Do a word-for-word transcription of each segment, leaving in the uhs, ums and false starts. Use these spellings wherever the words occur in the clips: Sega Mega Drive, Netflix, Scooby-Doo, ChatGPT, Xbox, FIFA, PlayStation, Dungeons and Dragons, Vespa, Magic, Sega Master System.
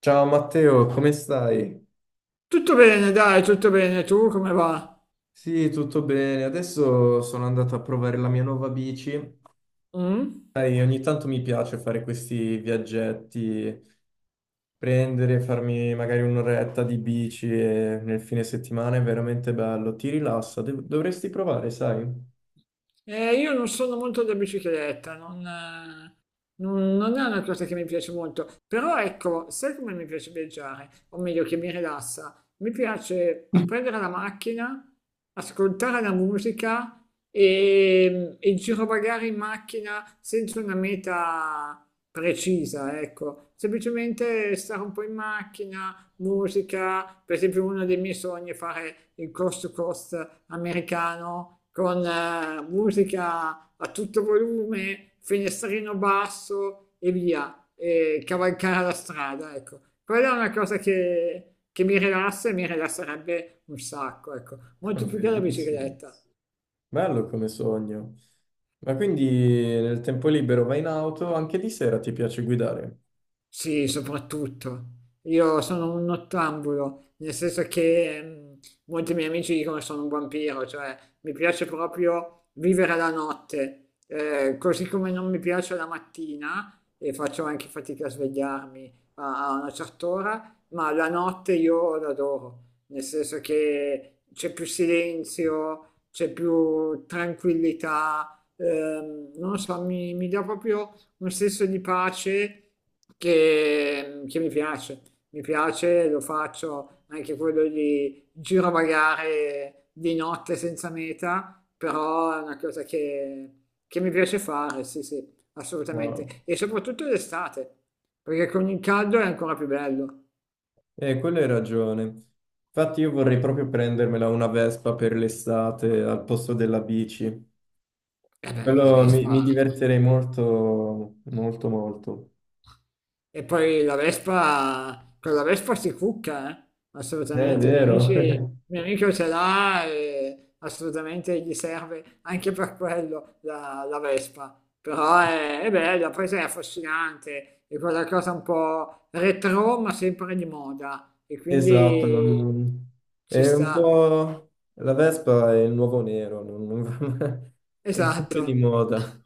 Ciao Matteo, come stai? Tutto bene, dai, tutto bene. Tu come va? Sì, tutto bene. Adesso sono andato a provare la mia nuova bici. Mm? Sai, ogni tanto mi piace fare questi viaggetti, prendere, farmi magari un'oretta di bici e nel fine settimana è veramente bello. Ti rilassa, Dov- dovresti provare, sai? Eh, io non sono molto da bicicletta, non, eh, non- non è una cosa che mi piace molto. Però ecco, sai come mi piace viaggiare? O meglio, che mi rilassa? Mi piace prendere la macchina, ascoltare la musica e, e girovagare in macchina senza una meta precisa, ecco. Semplicemente stare un po' in macchina, musica, per esempio uno dei miei sogni è fare il coast to coast americano con eh, musica a tutto volume, finestrino basso e via, e cavalcare la strada, ecco. Quella è una cosa che, che mi rilassa e mi rilasserebbe un sacco, ecco, molto più che la Bellissimo. bicicletta. Bello come sogno. Ma quindi nel tempo libero vai in auto, anche di sera ti piace guidare? Sì, soprattutto. Io sono un nottambulo, nel senso che mh, molti miei amici dicono che sono un vampiro, cioè mi piace proprio vivere la notte. Eh, così come non mi piace la mattina e faccio anche fatica a svegliarmi a, a una certa ora, ma la notte io l'adoro, nel senso che c'è più silenzio, c'è più tranquillità, ehm, non lo so, mi, mi dà proprio un senso di pace che, che mi piace, mi piace, lo faccio anche quello di girovagare di notte senza meta, però è una cosa che, che mi piace fare, sì, sì, assolutamente, Wow. e soprattutto d'estate, perché con il caldo è ancora più bello. Eh, quello hai ragione. Infatti io vorrei proprio prendermela una Vespa per l'estate al posto della bici. E beh, la Quello mi, Vespa. mi divertirei molto, molto, molto. E poi la Vespa, con la Vespa si cucca, eh? Eh, È Assolutamente, miei vero. amici, mio amico ce l'ha e assolutamente gli serve anche per quello la, la Vespa. Però è, è bella, poi sai, è affascinante, è quella cosa un po' retro ma sempre di moda e Esatto. quindi non- ci È un sta, po'. La Vespa è il nuovo nero, non- non- è sempre di esatto. moda.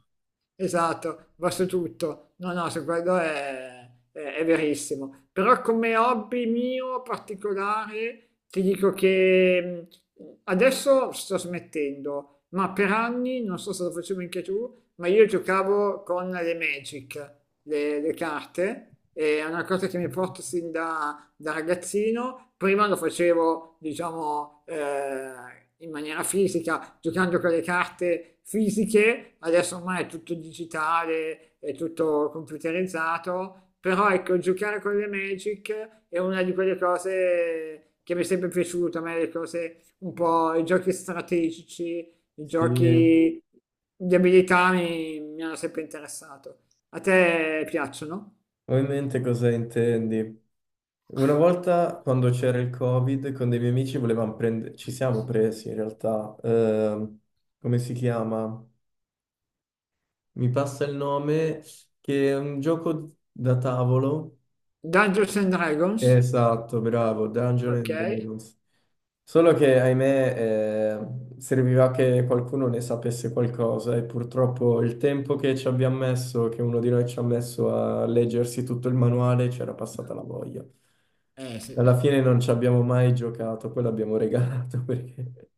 Esatto, va su tutto. No, no, su quello è, è- è verissimo. Però come hobby mio particolare ti dico che mh, adesso sto smettendo, ma per anni, non so se lo facevi anche tu, ma io giocavo con le Magic, le, le carte, e è una cosa che mi porto sin da da ragazzino, prima lo facevo, diciamo, eh, in maniera fisica, giocando con le carte fisiche, adesso ormai è tutto digitale, è tutto computerizzato, però ecco, giocare con le Magic è una di quelle cose che mi è sempre piaciuta, a me le cose un po', i giochi strategici, i Sì. giochi di abilità mi, mi hanno sempre interessato. A te piacciono? Ho in mente cosa intendi. Una volta quando c'era il Covid, con dei miei amici volevamo prendere, ci siamo presi in realtà, ehm, come si chiama? Mi passa il nome, che è un gioco da tavolo. Dungeons and Dragons? Esatto, bravo, Dungeons Ok. and Dragons. Solo che, ahimè, eh, serviva che qualcuno ne sapesse qualcosa e purtroppo il tempo che ci abbiamo messo, che uno di noi ci ha messo a leggersi tutto il manuale, c'era passata la voglia. Eh sì. Alla fine non ci abbiamo mai giocato, poi l'abbiamo regalato perché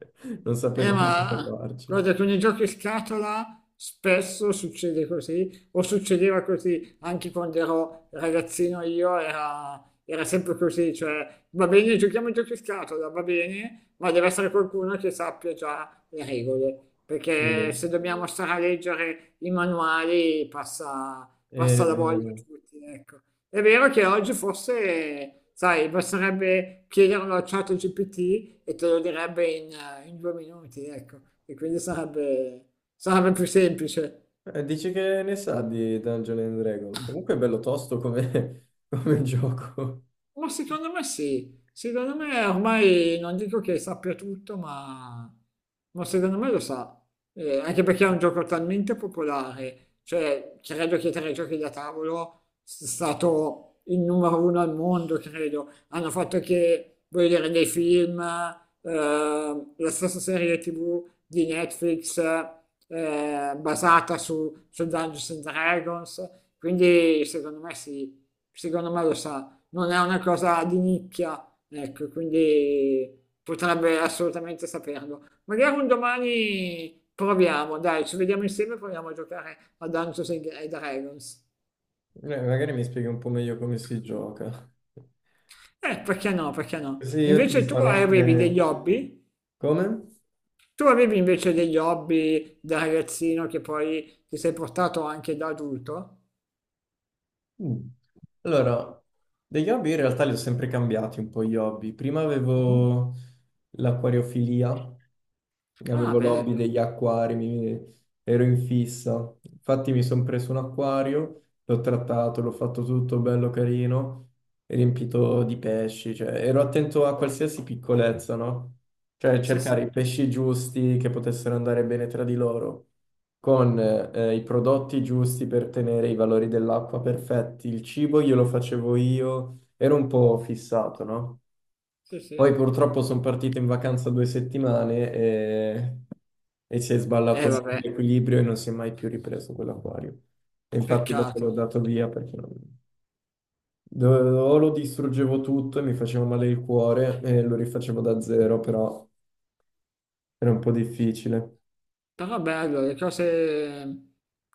non eh, sapevamo cosa ma farci. guarda, con i giochi scatola spesso succede così, o succedeva così anche quando ero ragazzino io, era, era sempre così, cioè va bene, giochiamo ai giochi scatola, va bene, ma deve essere qualcuno che sappia già le regole, Sì, perché se dobbiamo stare a leggere i manuali passa, è passa la voglia a vero. tutti, ecco. È vero che oggi forse, sai, basterebbe chiederlo a ChatGPT e te lo direbbe in, eh, in due minuti, ecco, e quindi sarebbe, sarebbe più semplice. Eh, dici che ne sa di Dungeons and Dragons? Comunque è bello tosto come, come gioco. Ma secondo me sì, secondo me ormai non dico che sappia tutto, ma, ma secondo me lo sa. Eh, anche perché è un gioco talmente popolare, cioè credo che tra i giochi da tavolo sia stato il numero uno al mondo, credo. Hanno fatto che, voglio dire, dei film, eh, la stessa serie T V di Netflix eh, basata su, su Dungeons and Dragons, quindi secondo me sì, secondo me lo sa, non è una cosa di nicchia, ecco, quindi potrebbe assolutamente saperlo. Magari un domani proviamo, dai, ci vediamo insieme e proviamo a giocare a Dungeons and Dragons. Eh, magari mi spieghi un po' meglio come si gioca. Eh, perché no, perché no? Così io ti Invece tu farò avevi anche. degli hobby? Come? Tu avevi invece degli hobby da ragazzino che poi ti sei portato anche da adulto? Mm. Allora, degli hobby in realtà li ho sempre cambiati un po' gli hobby. Prima Mhm. avevo l'acquariofilia, Ah, avevo l'hobby bello. degli acquari, mi- ero in fissa. Infatti mi sono preso un acquario, l'ho trattato, l'ho fatto tutto bello carino, riempito di pesci, cioè ero attento a qualsiasi piccolezza, no? Cioè Sì, cercare sì, i pesci giusti che potessero andare bene tra di loro con eh, i prodotti giusti per tenere i valori dell'acqua perfetti. Il cibo glielo facevo io, ero un po' fissato, no? sì, Poi sì. purtroppo sono partito in vacanza due settimane e, e si è sballato Eh, un po' vabbè, l'equilibrio e non si è mai più ripreso quell'acquario. E infatti dopo peccato. l'ho dato via perché non- do- o lo distruggevo tutto e mi faceva male il cuore e lo rifacevo da zero, però era un po' difficile. Però bello, le cose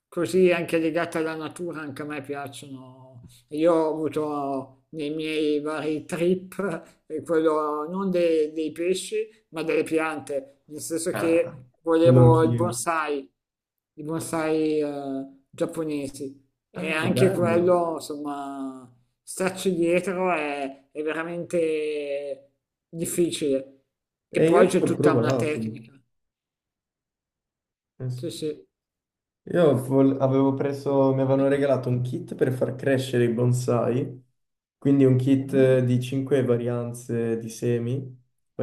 così anche legate alla natura anche a me piacciono. Io ho avuto nei miei vari trip eh, quello non de- dei pesci, ma delle piante, nel senso Ah, che Quello volevo il anch'io. bonsai, i bonsai eh, giapponesi. E Ah, anche bello. quello, insomma, starci dietro è, è veramente difficile. E E io poi ci c'è ho tutta una provato. tecnica. Eh sì. Sì, sì. Io vol- avevo preso, mi avevano regalato un kit per far crescere i bonsai, quindi un kit Mhm. eh, di cinque varianze di semi,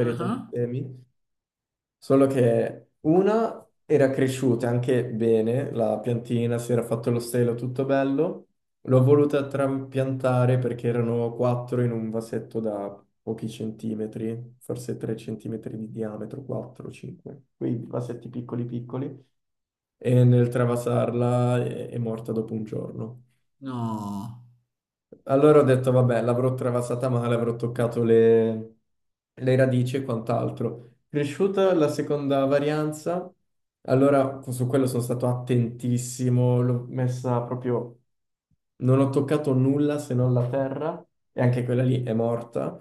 Ah di ah? semi, solo che una era cresciuta anche bene, la piantina si era fatto lo stelo, tutto bello. L'ho voluta trapiantare perché erano quattro in un vasetto da pochi centimetri, forse tre centimetri di diametro, quattro cinque, quei vasetti piccoli piccoli. E nel travasarla è, è morta dopo un giorno. No. Allora ho detto, vabbè, l'avrò travasata male, avrò toccato le, le radici e quant'altro. Cresciuta la seconda varianza, allora su quello sono stato attentissimo, l'ho messa proprio. Non ho toccato nulla se non la terra, e anche quella lì è morta,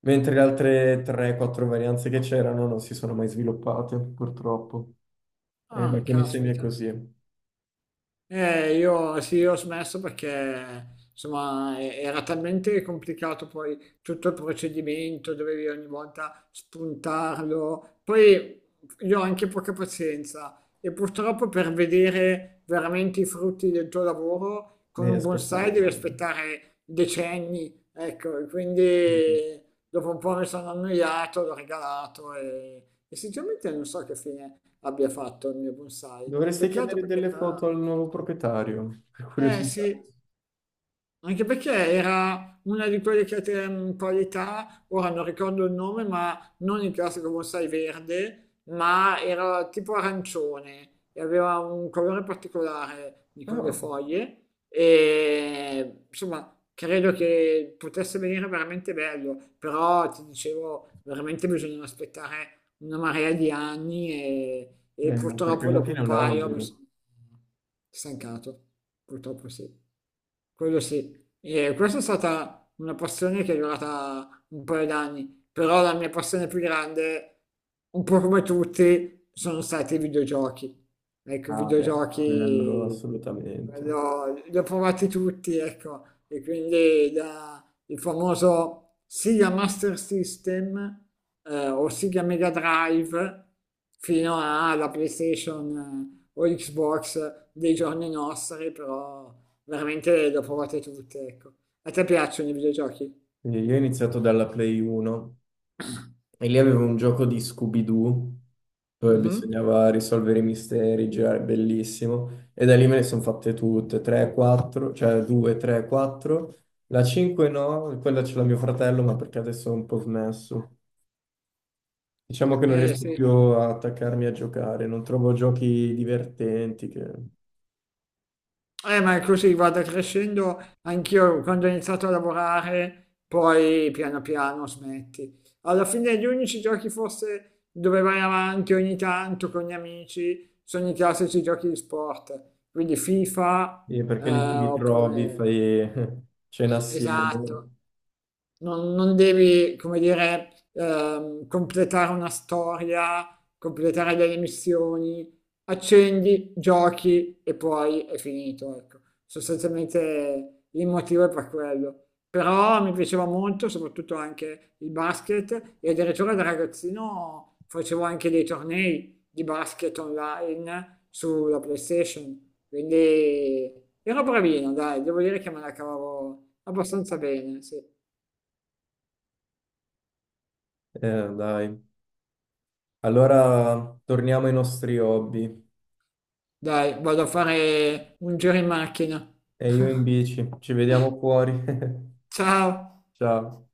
mentre le altre tre quattro varianze che c'erano non si sono mai sviluppate, purtroppo. Eh, ma Ah, con i semi è caspita. così. Eh, io sì, io ho smesso perché insomma e- era talmente complicato poi tutto il procedimento, dovevi ogni volta spuntarlo. Poi io ho anche poca pazienza e purtroppo per vedere veramente i frutti del tuo lavoro con Devi un bonsai aspettare devi anni. aspettare decenni, ecco, e quindi dopo un po' mi sono annoiato, l'ho regalato e, e sinceramente non so che fine abbia fatto il mio bonsai. Dovresti Peccato chiedere perché delle era foto al nuovo proprietario, per eh curiosità. sì. Anche perché era una di quelle che te- mh, qualità, ora non ricordo il nome, ma non il classico bonsai verde, ma era tipo arancione e aveva un colore particolare di con le Ah, foglie e insomma credo che potesse venire veramente bello, però ti dicevo veramente bisogna aspettare una marea di anni e, e eh, perché purtroppo alla dopo fine è un un paio mi albero. sono stancato, purtroppo sì. Quello sì, e questa è stata una passione che è durata un paio d'anni, però la mia passione più grande, un po' come tutti, sono stati i videogiochi. Ecco, i Ah, beh, quello videogiochi assolutamente. quello- li ho provati tutti, ecco, e quindi da- il famoso Sega Master System eh, o Sega Mega Drive fino alla PlayStation eh, o Xbox dei giorni nostri, però veramente le ho provate tutte, ecco. A te piacciono i videogiochi? E Io ho iniziato dalla Play uno e lì avevo un gioco di Scooby-Doo dove Mhm. bisognava risolvere i misteri, girare bellissimo. E da lì me ne sono fatte tutte, tre, quattro, cioè due, tre, quattro. La cinque no, quella ce l'ha mio fratello, ma perché adesso è un po' smesso. Diciamo che non Eh riesco sì, più a attaccarmi a giocare, non trovo giochi divertenti, che- eh, ma è così, guarda, crescendo, anch'io quando ho iniziato a lavorare, poi piano piano smetti. Alla fine gli unici giochi forse dove vai avanti ogni tanto con gli amici sono i classici giochi di sport, quindi FIFA, eh, eh, perché li ti ritrovi, oppure... fai cena assieme. Esatto. Non, non devi, come dire, ehm, completare una storia, completare delle missioni, accendi, giochi e poi è finito, ecco. Sostanzialmente il motivo è per quello. Però mi piaceva molto, soprattutto anche il basket e addirittura da ragazzino facevo anche dei tornei di basket online sulla PlayStation, quindi ero bravino, dai, devo dire che me la cavavo abbastanza bene, sì. Eh, dai. Allora torniamo ai nostri hobby. Dai, vado a fare un giro in macchina. E io in bici, ci vediamo fuori. Ciao! Ciao.